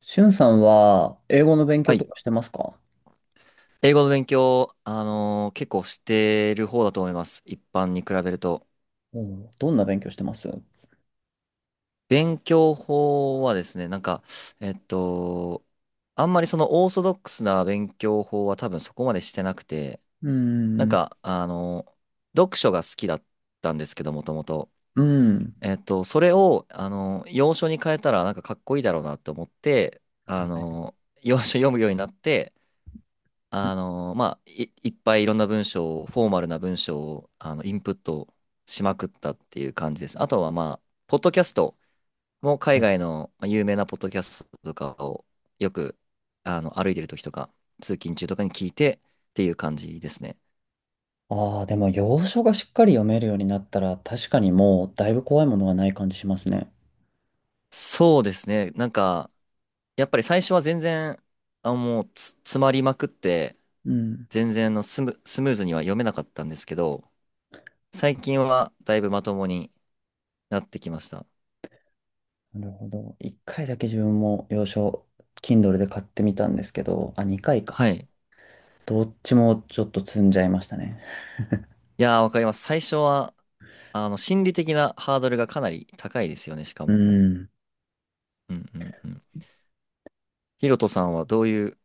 しゅんさんは英語の勉は強とい。かしてますか？英語の勉強、結構してる方だと思います。一般に比べると。おうどんな勉強してますう勉強法はですね、なんか、えっと、あんまりそのオーソドックスな勉強法は多分そこまでしてなくて、ーなんん、か、読書が好きだったんですけど、もともと。うん。それを、洋書に変えたらなんかかっこいいだろうなと思って、はい。洋書読むようになって、まあ、いっぱいいろんな文章を、フォーマルな文章を、インプットしまくったっていう感じです。あとは、まあ、ポッドキャストも海外のまあ有名なポッドキャストとかをよく、歩いてる時とか、通勤中とかに聞いてっていう感じですね。ああー、でも洋書がしっかり読めるようになったら確かにもうだいぶ怖いものはない感じしますね。そうですね。なんか、やっぱり最初は全然、あ、もう詰まりまくって、うん。全然スムーズには読めなかったんですけど、最近はだいぶまともになってきました。なるほど。一回だけ自分も洋書、Kindle で買ってみたんですけど、あ、二回か。はい。どっちもちょっと積んじゃいましたね。いやー、わかります。最初は、心理的なハードルがかなり高いですよね、しかうも。ん。うんうんうん。ヒロトさんはどういう、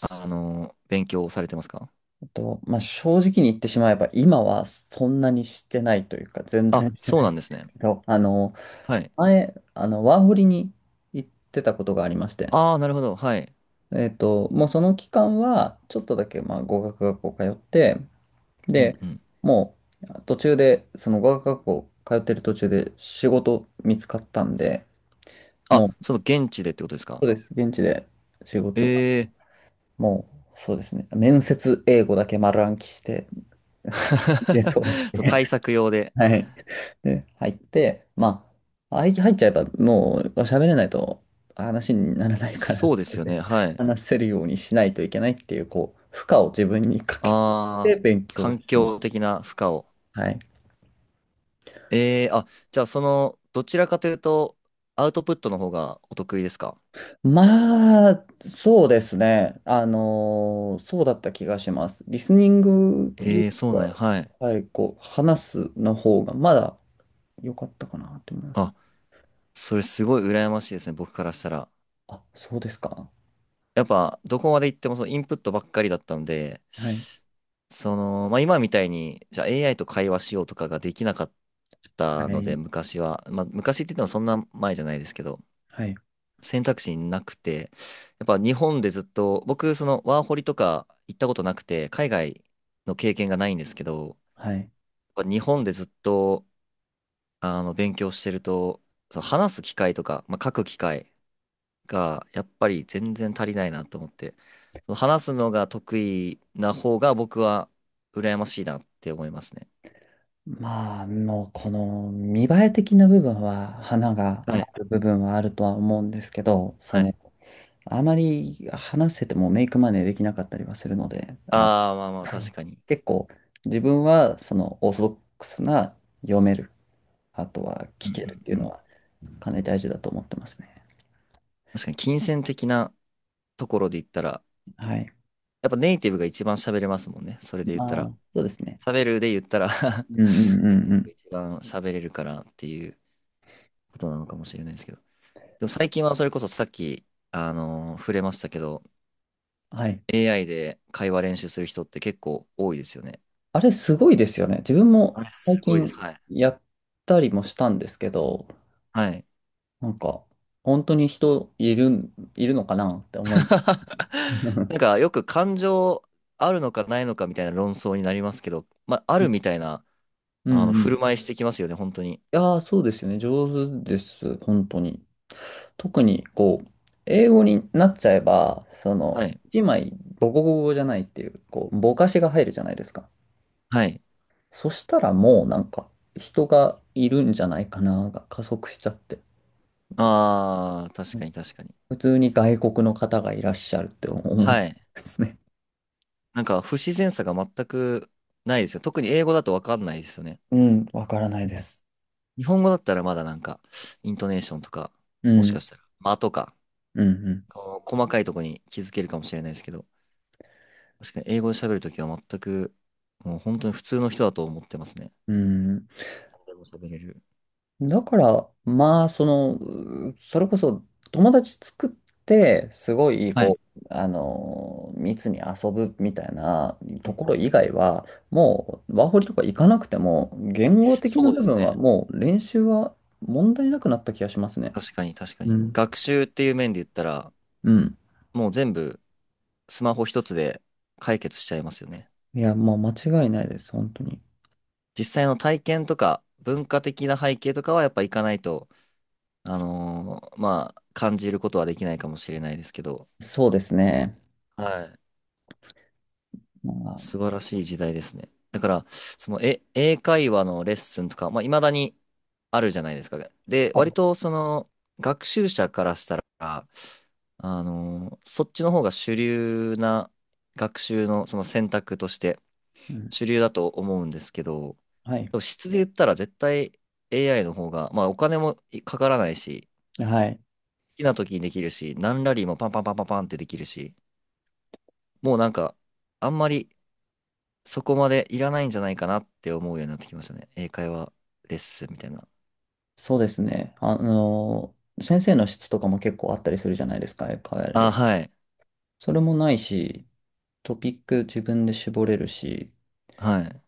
勉強をされてますか？と、まあ、正直に言ってしまえば、今はそんなにしてないというか、全あ、然してそうないなんんでですすね。けど、はい。前、ワーホリに行ってたことがありまして、ああ、なるほど。はい。もうその期間は、ちょっとだけ、まあ、語学学校通って、うんで、うん。もう、途中で、その語学学校通ってる途中で仕事見つかったんで、あ、もう、その現地でってことですそうか？です、現地で仕事、ええもう、そうですね、面接英語だけ丸暗記して、で、通しー。そう、て、対策用で。はい。で、入って、まあ、入っちゃえばもう喋れないと話にならないから、そうでそすれよね。ではい。話せるようにしないといけないっていう、こう、負荷を自分にかけてああ、勉強環してます。境的な負荷を。はい。ええー、あ、じゃあその、どちらかというと、アウトプットの方がお得意ですか？まあ、そうですね。そうだった気がします。リスニングよええー、りそうなんは、や。はい。はい、こう、話すの方がまだ良かったかなと思います。あ、それすごい羨ましいですね、僕からしたら。あ、そうですか。やっぱ、どこまで行ってもそのインプットばっかりだったので、はい。その、まあ今みたいに、じゃあ AI と会話しようとかができなかっはたので、い。昔は。まあ昔って言ってもそんな前じゃないですけど、はい。選択肢なくて、やっぱ日本でずっと、僕、そのワーホリとか行ったことなくて、海外の経験がないんですけど、はい。やっぱ日本でずっと、勉強してると、その話す機会とか、まあ、書く機会、がやっぱり全然足りないなと思って、その話すのが得意な方が僕は羨ましいなって思いますね。まあ、もうこの見栄え的な部分は花がはあいる部分はあるとは思うんですけど、そはい。の、あまり話せてもメイクマネーできなかったりはするので、あ、ああ、まあまあう確ん、かに。結構自分はそのオーソドックスな読める、あとはうん聞けるってういんううのん。はかなり大事だと思ってますね。確かに金銭的なところで言ったら、はい。やっぱネイティブが一番喋れますもんね。それで言ったまら。あ、そうですね。喋るで言ったら うんうんうネイんテうィブがん。一番喋れるからっていうことなのかもしれないですけど。でも最近はそれこそさっき、触れましたけど、はい。AI で会話練習する人って結構多いですよね。あれすごいですよね。自分もあれ、最すごいで近す。はい。やったりもしたんですけど、はい。なんか、本当に人いるん、いるのかなって思います。なん か、よく感情あるのかないのかみたいな論争になりますけど、まあ、あるみたいな、うんうん。振いる舞いしてきますよね、本当に。やー、そうですよね。上手です。本当に。特に、こう、英語になっちゃえば、その、はい。一枚、ボコボコじゃないっていう、こう、ぼかしが入るじゃないですか。はい。そしたらもう、なんか、人がいるんじゃないかな、が加速しちゃって。ああ、確うかん、に確かに。普通に外国の方がいらっしゃるって思うんはい。ですね。なんか、不自然さが全くないですよ。特に英語だとわかんないですよね。うん、わからないです。日本語だったらまだなんか、イントネーションとか、うもしん、かしたら、間とか、うん、うん。こう細かいとこに気づけるかもしれないですけど、確かに英語で喋るときは全く、もう本当に普通の人だと思ってますね。うん、でも喋れる。だから、まあ、その、う、それこそ友達作って、すごい、はこい。う、あの密に遊ぶみたいなうとん、ころ以外は、もう、ワーホリとか行かなくても、言語的なそうで部す分はね。もう練習は問題なくなった気がしますね。確かに確かうに。ん。学習っていう面で言ったら、うん。もう全部スマホ一つで解決しちゃいますよね。いや、もう間違いないです、本当に。実際の体験とか文化的な背景とかはやっぱ行かないと、まあ、感じることはできないかもしれないですけど。そうですね。はい。ま素晴らしい時代ですね。だから、その、英会話のレッスンとか、まあ、未だにあるじゃないですか。で、あ、はい。割と、その、学習者からしたら、そっちの方が主流な学習の、その選択としてうん。主流だと思うんですけど、はい。多分質で言ったら絶対 AI の方が、まあ、お金もかからないし、はい。好きな時にできるし、何ラリーもパンパンパンパンパンってできるし、もうなんか、あんまりそこまでいらないんじゃないかなって思うようになってきましたね。英会話レッスンみたいな。そうですね。先生の質とかも結構あったりするじゃないですか、変わ、あ、はい。それもないし、トピック自分で絞れるし、はい。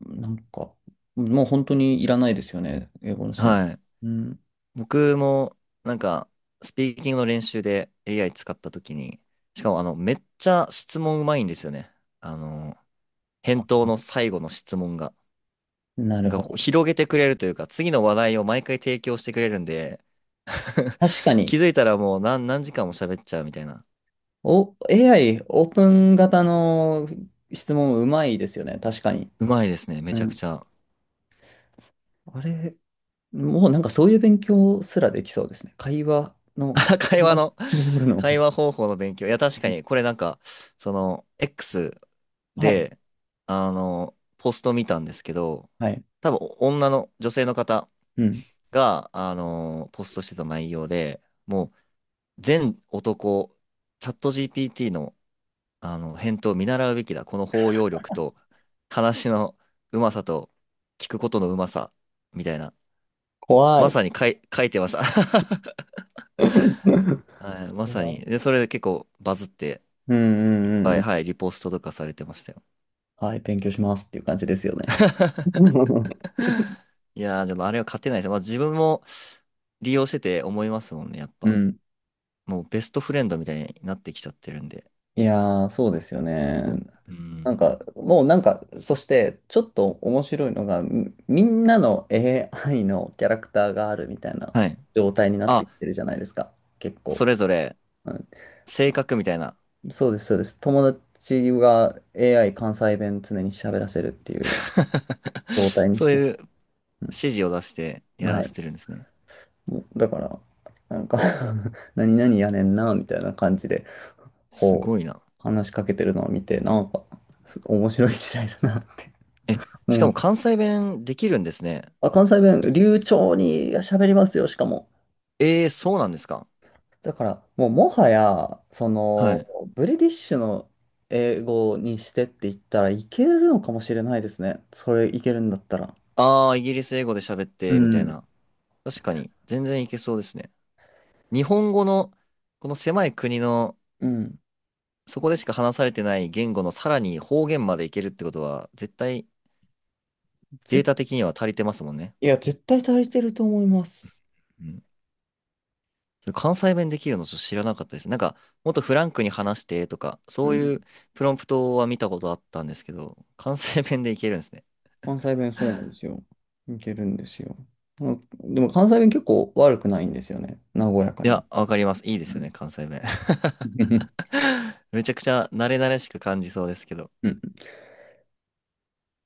なんか、もう本当にいらないですよね、英語の先はい。生。うん。僕も、なんか、スピーキングの練習で AI 使った時に、しかも、めっちゃ質問うまいんですよね。あの、返答あ、の最後の質問が。ななるんか、ほこうど。広げてくれるというか、次の話題を毎回提供してくれるんで、確かに、気づいたらもう何時間も喋っちゃうみたいな。お、AI、オープン型の質問うまいですよね、確かに。うまいですね。めうちゃくん。ちゃ。あれ、もうなんかそういう勉強すらできそうですね。会話の、会 話あ、の、絞るの。会話方法の勉強。いや、確かに、これなんか、その、X はい、で、ポスト見たんですけど、はい。多分、女性の方うん。が、ポストしてた内容で、もう、全男、チャット GPT の、返答を見習うべきだ。この包容力と、話のうまさと、聞くことのうまさ、みたいな。怖まい。さに書いてました。はい、まいさや、に。で、それで結構バズって、うんうんうんはういん。はい、リポストとかされてましたよ。はい、勉強しますっていう感じですよね。いやー、でもあれは勝てないです。まあ自分も利用してて思いますもんね、やっうぱ。ん。もうベストフレンドみたいになってきちゃってるんで。いやー、そうですよね。うなんん。か、もうなんか、そして、ちょっと面白いのが、み、みんなの AI のキャラクターがあるみたいなはい。状態になってあ、きてるじゃないですか、結そ構。れぞれう性格みたいな。ん、そうです、そうです。友達が AI 関西弁常に喋らせるっていう 状態にそしうて。いう指う示を出してん、やはらい。せてるんですね。だから、なんか 何々やねんな、みたいな感じで、すこう、ごいな。話しかけてるのを見て、なんか、す、面白い時代だなって、え、うしかもん。関西弁できるんですね。あ、関西い弁、流暢に喋りますよ、しかも。えー、そうなんですか？だから、もうもはや、そはの、い。ブリティッシュの英語にしてって言ったらいけるのかもしれないですね。それいけるんだったら。ああ、イギリス英語で喋っうて、みたいん。な。確かに、全然いけそうですね。日本語のこの狭い国のうん。そこでしか話されてない言語のさらに方言までいけるってことは絶対ぜ、データ的には足りてますもんね。いや、絶対足りてると思います。うん、それ関西弁できるのちょっと知らなかったです。なんかもっとフランクに話してとかうそうん。いうプロンプトは見たことあったんですけど関西弁でいけるんですね。関西弁そうなんですよ。いけるんですよ。うん、でも関西弁結構悪くないんですよね。和やかいに。や、わかります。いいでうすよん。ね、関西弁。めちゃくちゃ慣れ慣れしく感じそうですけど。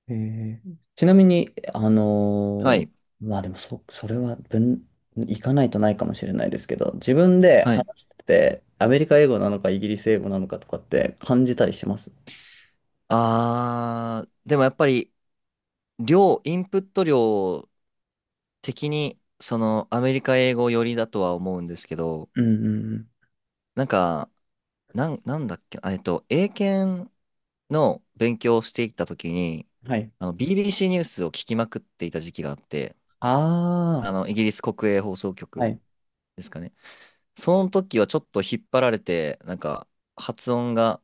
ちなみに、あはのい。ーまあでもそ、それは分、行かないとないかもしれないですけど、自分ではい。話してて、アメリカ英語なのかイギリス英語なのかとかって感じたりします？あー、でもやっぱり量、インプット量的に、その、アメリカ英語寄りだとは思うんですけど、うんうんうん。なんか、なんだっけ、英検の勉強をしていた時に、はい。BBC ニュースを聞きまくっていた時期があって、あイギリス国営放送あ、は局い。ですかね。その時はちょっと引っ張られて、なんか、発音が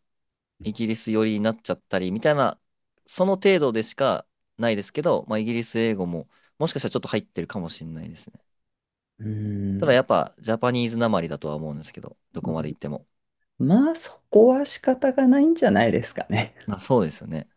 イギリス寄りになっちゃったり、みたいな、その程度でしかないですけど、まあ、イギリス英語も、もしかしたらちょっと入ってるかもしれないですね。うーただん。やっぱジャパニーズなまりだとは思うんですけど、どこまで行っても。まあそこは仕方がないんじゃないですかね。まあそうですよね。